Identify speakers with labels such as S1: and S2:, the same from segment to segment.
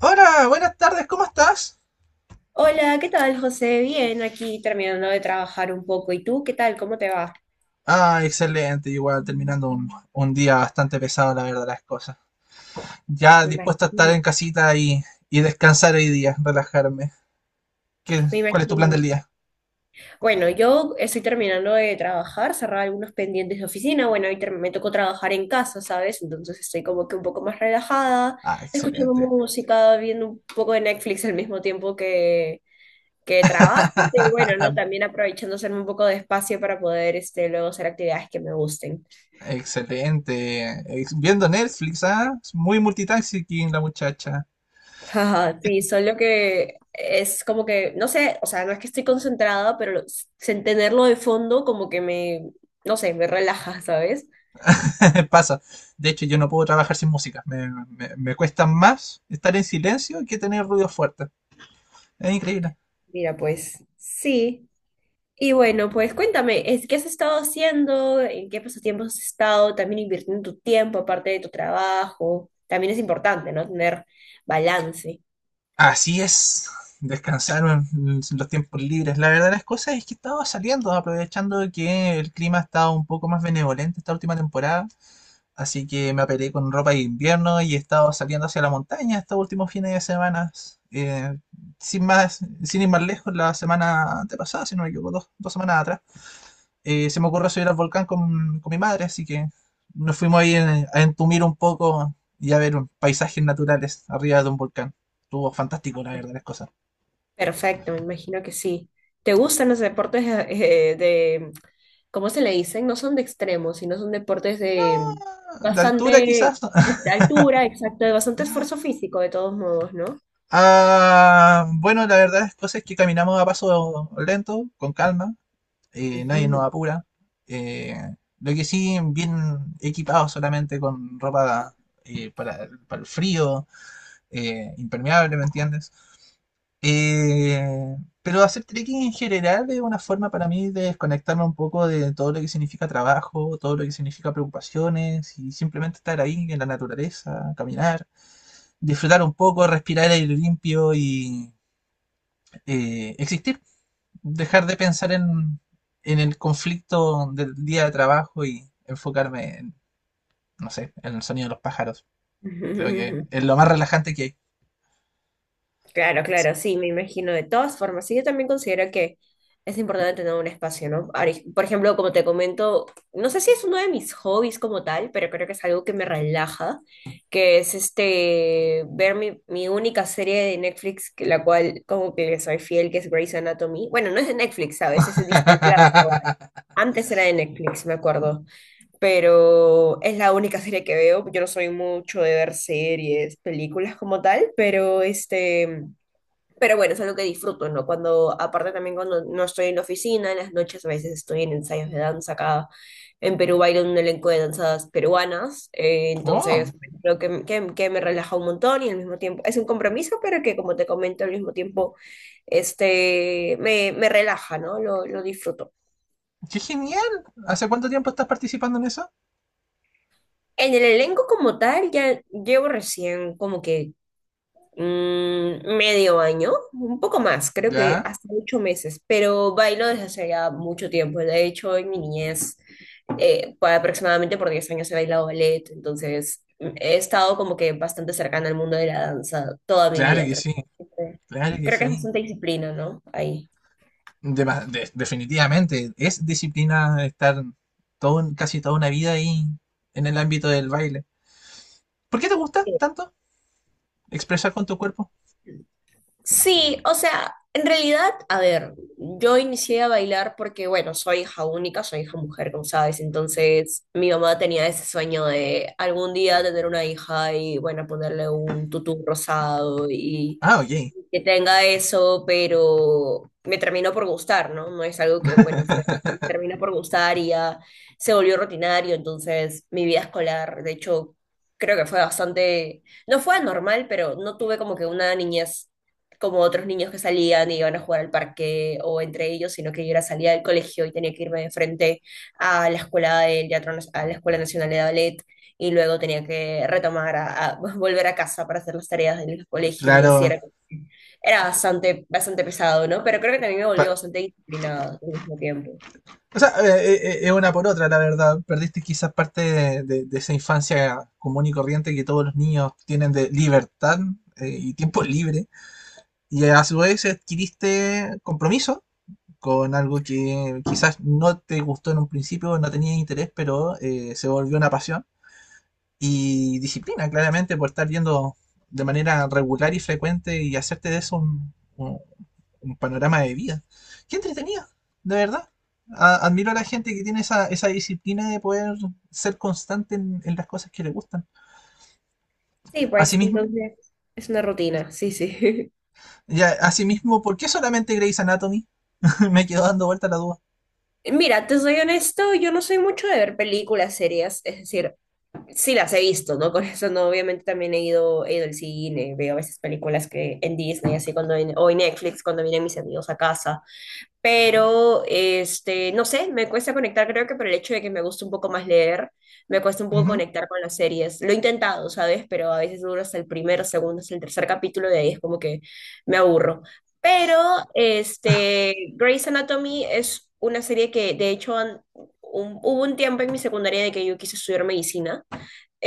S1: Hola, buenas tardes, ¿cómo estás?
S2: Hola, ¿qué tal, José? Bien, aquí terminando de trabajar un poco. ¿Y tú qué tal? ¿Cómo te va?
S1: Ah, excelente, igual terminando un día bastante pesado, la verdad, las cosas. Ya
S2: Me
S1: dispuesto a estar
S2: imagino,
S1: en casita y descansar hoy día, relajarme. ¿Qué,
S2: me
S1: Cuál es tu
S2: imagino.
S1: plan del día?
S2: Bueno, yo estoy terminando de trabajar, cerrar algunos pendientes de oficina. Bueno, me tocó trabajar en casa, ¿sabes? Entonces estoy como que un poco más relajada,
S1: Ah,
S2: escuchando
S1: excelente.
S2: música, viendo un poco de Netflix al mismo tiempo que trabajo. Y bueno, ¿no? También aprovechando hacerme un poco de espacio para poder luego hacer actividades que me gusten.
S1: Excelente. Viendo Netflix, ¿ah? Es muy multitasking la muchacha.
S2: Ajá, sí, solo que es como que, no sé, o sea, no es que estoy concentrada, sin tenerlo de fondo como que no sé, me relaja, ¿sabes?
S1: Pasa. De hecho, yo no puedo trabajar sin música. Me cuesta más estar en silencio que tener ruido fuerte. Es increíble.
S2: Mira, pues sí. Y bueno, pues cuéntame, ¿qué has estado haciendo? ¿En qué pasatiempos has estado? También invirtiendo tu tiempo aparte de tu trabajo. También es importante, ¿no? Tener balance.
S1: Así es, descansaron los tiempos libres. La verdad de las cosas es que estaba saliendo, aprovechando que el clima estaba un poco más benevolente esta última temporada. Así que me aperé con ropa de invierno y he estado saliendo hacia la montaña estos últimos fines de semana. Eh, Sin más, sin ir más lejos, la semana antepasada, si no me equivoco, dos semanas atrás, se me ocurrió subir al volcán con mi madre, así que nos fuimos ahí a entumir un poco y a ver paisajes naturales arriba de un volcán. Estuvo fantástico,
S2: Ah,
S1: la
S2: pues.
S1: verdad, las cosas.
S2: Perfecto, me imagino que sí. ¿Te gustan los deportes de, ¿cómo se le dicen? No son de extremos, sino son deportes
S1: No,
S2: de
S1: de altura quizás.
S2: bastante altura, exacto, de bastante esfuerzo físico, de todos modos, ¿no?
S1: Ah, bueno, la verdad es cosas que caminamos a paso lento, con calma, nadie nos
S2: Ujú.
S1: apura. Eh, lo que sí, bien equipados solamente con ropa para el frío, impermeable, ¿me entiendes? Eh, pero hacer trekking en general es una forma para mí de desconectarme un poco de todo lo que significa trabajo, todo lo que significa preocupaciones y simplemente estar ahí en la naturaleza, caminar, disfrutar un poco, respirar aire limpio y existir. Dejar de pensar en el conflicto del día de trabajo y enfocarme en, no sé, en el sonido de los pájaros. Creo que es lo más relajante que hay.
S2: Claro,
S1: Sí.
S2: claro, sí, me imagino de todas formas. Sí, yo también considero que es importante tener un espacio, ¿no? Por ejemplo, como te comento, no sé si es uno de mis hobbies como tal, pero creo que es algo que me relaja, que es ver mi única serie de Netflix, la cual como que le soy fiel, que es Grey's Anatomy. Bueno, no es de Netflix, ¿sabes? Es de Disney Plus ahora. Antes era de Netflix, me acuerdo, pero es la única serie que veo. Yo no soy mucho de ver series, películas como tal, pero este... Pero bueno, es algo que disfruto, ¿no? Cuando, aparte también cuando no estoy en la oficina, en las noches a veces estoy en ensayos de danza acá. En Perú bailo en un elenco de danzas peruanas,
S1: Oh.
S2: entonces bueno, creo que me relaja un montón y al mismo tiempo es un compromiso, pero que como te comento, al mismo tiempo me relaja, ¿no? Lo disfruto.
S1: ¡Qué genial! ¿Hace cuánto tiempo estás participando en eso?
S2: En el elenco como tal, ya llevo recién como que medio año, un poco más, creo que
S1: Ya,
S2: hasta 8 meses, pero bailo desde hace ya mucho tiempo. De hecho, en mi niñez, por aproximadamente por 10 años he bailado ballet, entonces he estado como que bastante cercana al mundo de la danza toda mi
S1: claro
S2: vida, en
S1: que sí,
S2: realidad. Siempre-
S1: claro que
S2: Creo que es
S1: sí.
S2: bastante disciplina, ¿no? Ahí.
S1: Definitivamente, es disciplina estar todo, casi toda una vida ahí en el ámbito del baile. ¿Por qué te gusta tanto expresar con tu cuerpo?
S2: Sí, o sea, en realidad, a ver, yo inicié a bailar porque, bueno, soy hija única, soy hija mujer, como sabes, entonces mi mamá tenía ese sueño de algún día tener una hija y, bueno, ponerle un tutú rosado y
S1: Ah, ok,
S2: que tenga eso, pero me terminó por gustar, ¿no? No es algo que, bueno, me terminó por gustar y ya se volvió rutinario, entonces mi vida escolar, de hecho, creo que fue bastante, no fue anormal, pero no tuve como que una niñez como otros niños que salían y iban a jugar al parque o entre ellos, sino que yo era salida del colegio y tenía que irme de frente a la escuela del teatro, a la Escuela Nacional de Ballet y luego tenía que retomar volver a casa para hacer las tareas del colegio y así
S1: claro.
S2: era bastante, bastante pesado, ¿no? Pero creo que también me volvió
S1: Pa-
S2: bastante disciplinada al mismo tiempo.
S1: o sea, es una por otra, la verdad. Perdiste quizás parte de, de esa infancia común y corriente que todos los niños tienen de libertad y tiempo libre. Y a su vez adquiriste compromiso con algo que quizás no te gustó en un principio, no tenías interés, pero se volvió una pasión. Y disciplina, claramente, por estar yendo de manera regular y frecuente y hacerte de eso un panorama de vida. Qué entretenida, de verdad. Admiro a la gente que tiene esa, esa disciplina de poder ser constante en las cosas que le gustan.
S2: Sí, pues
S1: Asimismo,
S2: entonces es una rutina, sí, sí.
S1: ya, asimismo, ¿por qué solamente Grey's Anatomy? Me quedó dando vuelta la duda.
S2: Mira, te soy honesto, yo no soy mucho de ver películas, series, es decir, sí las he visto, ¿no? Con eso, no, obviamente también he ido al cine, veo a veces películas que en Disney, así o en Netflix, cuando vienen mis amigos a casa pero no sé, me cuesta conectar, creo que por el hecho de que me gusta un poco más leer, me cuesta un poco
S1: Ujú.
S2: conectar con las series. Lo he intentado, ¿sabes? Pero a veces duro hasta el primer, segundo, hasta el tercer capítulo, de ahí es como que me aburro. Pero Grey's Anatomy es una serie que, de hecho, hubo un tiempo en mi secundaria de que yo quise estudiar medicina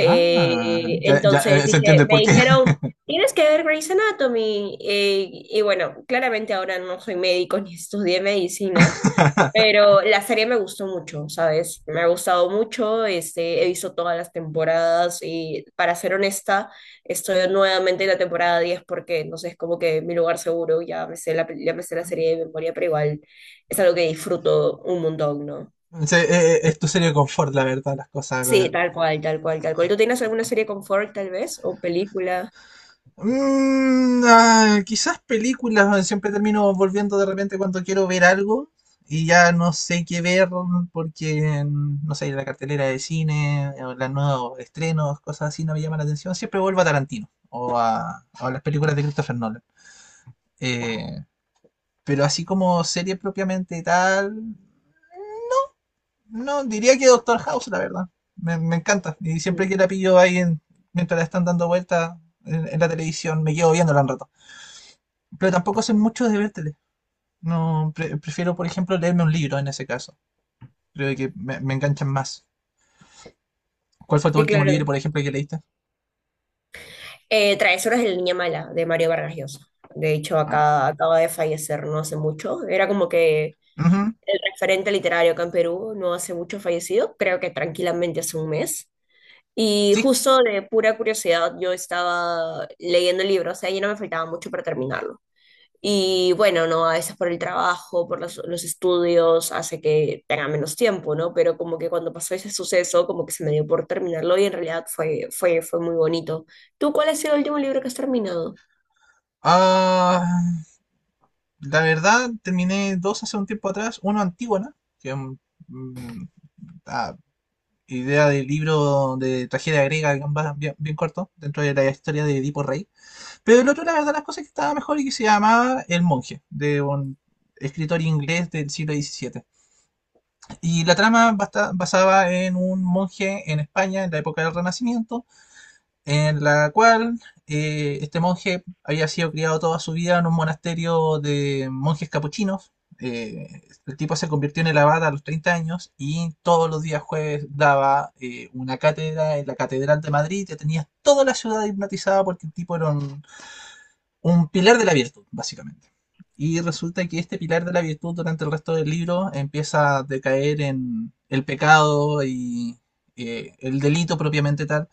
S1: Ah, ya, ya,
S2: entonces
S1: se entiende
S2: dije,
S1: el
S2: me
S1: porqué.
S2: dijeron, tienes que ver Grey's Anatomy. Y bueno, claramente ahora no soy médico ni estudié medicina, pero la serie me gustó mucho, ¿sabes? Me ha gustado mucho, he visto todas las temporadas y para ser honesta, estoy nuevamente en la temporada 10 porque, no sé, es como que mi lugar seguro, ya me sé ya me sé la serie de memoria, pero igual es algo que disfruto un montón, ¿no?
S1: Sí, es tu serie de confort, la verdad, las cosas.
S2: Sí,
S1: Weón.
S2: tal cual, tal cual, tal cual. ¿Tú tienes alguna serie confort, tal vez? ¿O película?
S1: Mm, ah, quizás películas, weón, siempre termino volviendo de repente cuando quiero ver algo y ya no sé qué ver porque, mm, no sé, la cartelera de cine, o los nuevos estrenos, cosas así no me llaman la atención. Siempre vuelvo a Tarantino o a las películas de Christopher Nolan. Eh, pero así como serie propiamente tal, no, diría que Doctor House, la verdad. Me encanta. Y siempre
S2: Mm,
S1: que la pillo ahí mientras la están dando vuelta en la televisión, me quedo viéndola un rato. Pero tampoco sé mucho de ver tele. No, prefiero, por ejemplo, leerme un libro en ese caso. Creo que me enganchan más. ¿Cuál fue tu
S2: sí,
S1: último libro,
S2: claro.
S1: por ejemplo, que leíste?
S2: Travesuras de la Niña Mala, de Mario Vargas Llosa. De hecho,
S1: Ah,
S2: acá acaba de fallecer no hace mucho. Era como que
S1: ujú,
S2: el referente literario acá en Perú no hace mucho fallecido, creo que tranquilamente hace un mes. Y
S1: sí.
S2: justo de pura curiosidad, yo estaba leyendo el libro, o sea, ya no me faltaba mucho para terminarlo. Y bueno, ¿no? A veces por el trabajo, por los estudios, hace que tenga menos tiempo, ¿no? Pero como que cuando pasó ese suceso, como que se me dio por terminarlo y en realidad fue muy bonito. ¿Tú cuál ha sido el último libro que has terminado?
S1: Ah, la verdad, terminé dos hace un tiempo atrás. Uno Antígona, que mm, ah, idea del libro de tragedia griega, que va bien, bien corto, dentro de la historia de Edipo Rey. Pero el otro, la verdad, las cosas que estaba mejor y que se llamaba El Monje, de un escritor inglés del siglo XVII. Y la trama basaba en un monje en España en la época del Renacimiento, en la cual este monje había sido criado toda su vida en un monasterio de monjes capuchinos. Eh, el tipo se convirtió en el abad a los 30 años y todos los días jueves daba una cátedra en la Catedral de Madrid que tenía toda la ciudad hipnotizada porque el tipo era un pilar de la virtud, básicamente. Y resulta que este pilar de la virtud durante el resto del libro empieza a decaer en el pecado y el delito propiamente tal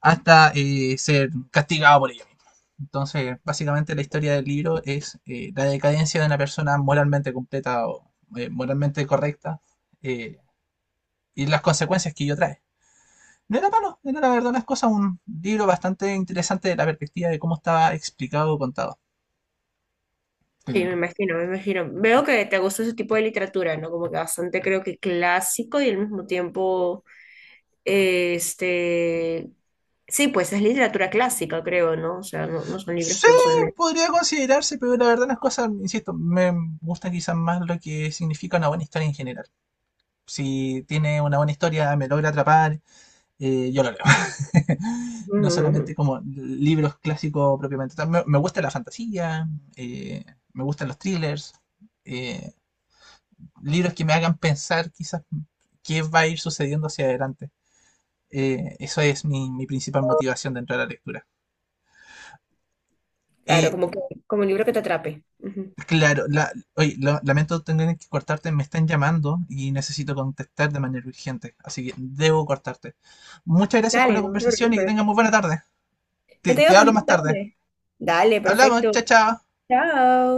S1: hasta ser castigado por ella misma. Entonces, básicamente la historia del libro es la decadencia de una persona moralmente completa o moralmente correcta eh, y las consecuencias que ello trae. No era malo, era la verdad las cosas un libro bastante interesante de la perspectiva de cómo estaba explicado o contado.
S2: Sí, me imagino, me imagino. Veo que te gusta ese tipo de literatura, ¿no? Como que bastante creo que clásico y al mismo tiempo, este, sí, pues es literatura clásica, creo, ¿no? O sea, no, no son libros
S1: Sí,
S2: que usualmente...
S1: podría considerarse, pero la verdad las cosas, insisto, me gusta quizás más lo que significa una buena historia en general. Si tiene una buena historia, me logra atrapar yo lo leo.
S2: Ujú,
S1: No
S2: ujú, ujú.
S1: solamente como libros clásicos propiamente tal. Me gusta la fantasía, eh, me gustan los thrillers, eh, libros que me hagan pensar quizás qué va a ir sucediendo hacia adelante. Eso es mi principal motivación dentro de la lectura.
S2: Claro,
S1: Eh,
S2: como que Como un libro que te atrape.
S1: claro, la, oye, lamento tener que cortarte, me están llamando y necesito contestar de manera urgente, así que debo cortarte. Muchas gracias por
S2: Dale,
S1: la
S2: no te
S1: conversación y que tengas
S2: preocupes.
S1: muy buena tarde.
S2: Que
S1: Te
S2: tengas
S1: hablo
S2: bonita
S1: más tarde.
S2: tarde. Dale,
S1: Hablamos,
S2: perfecto.
S1: chao, chao.
S2: Chao.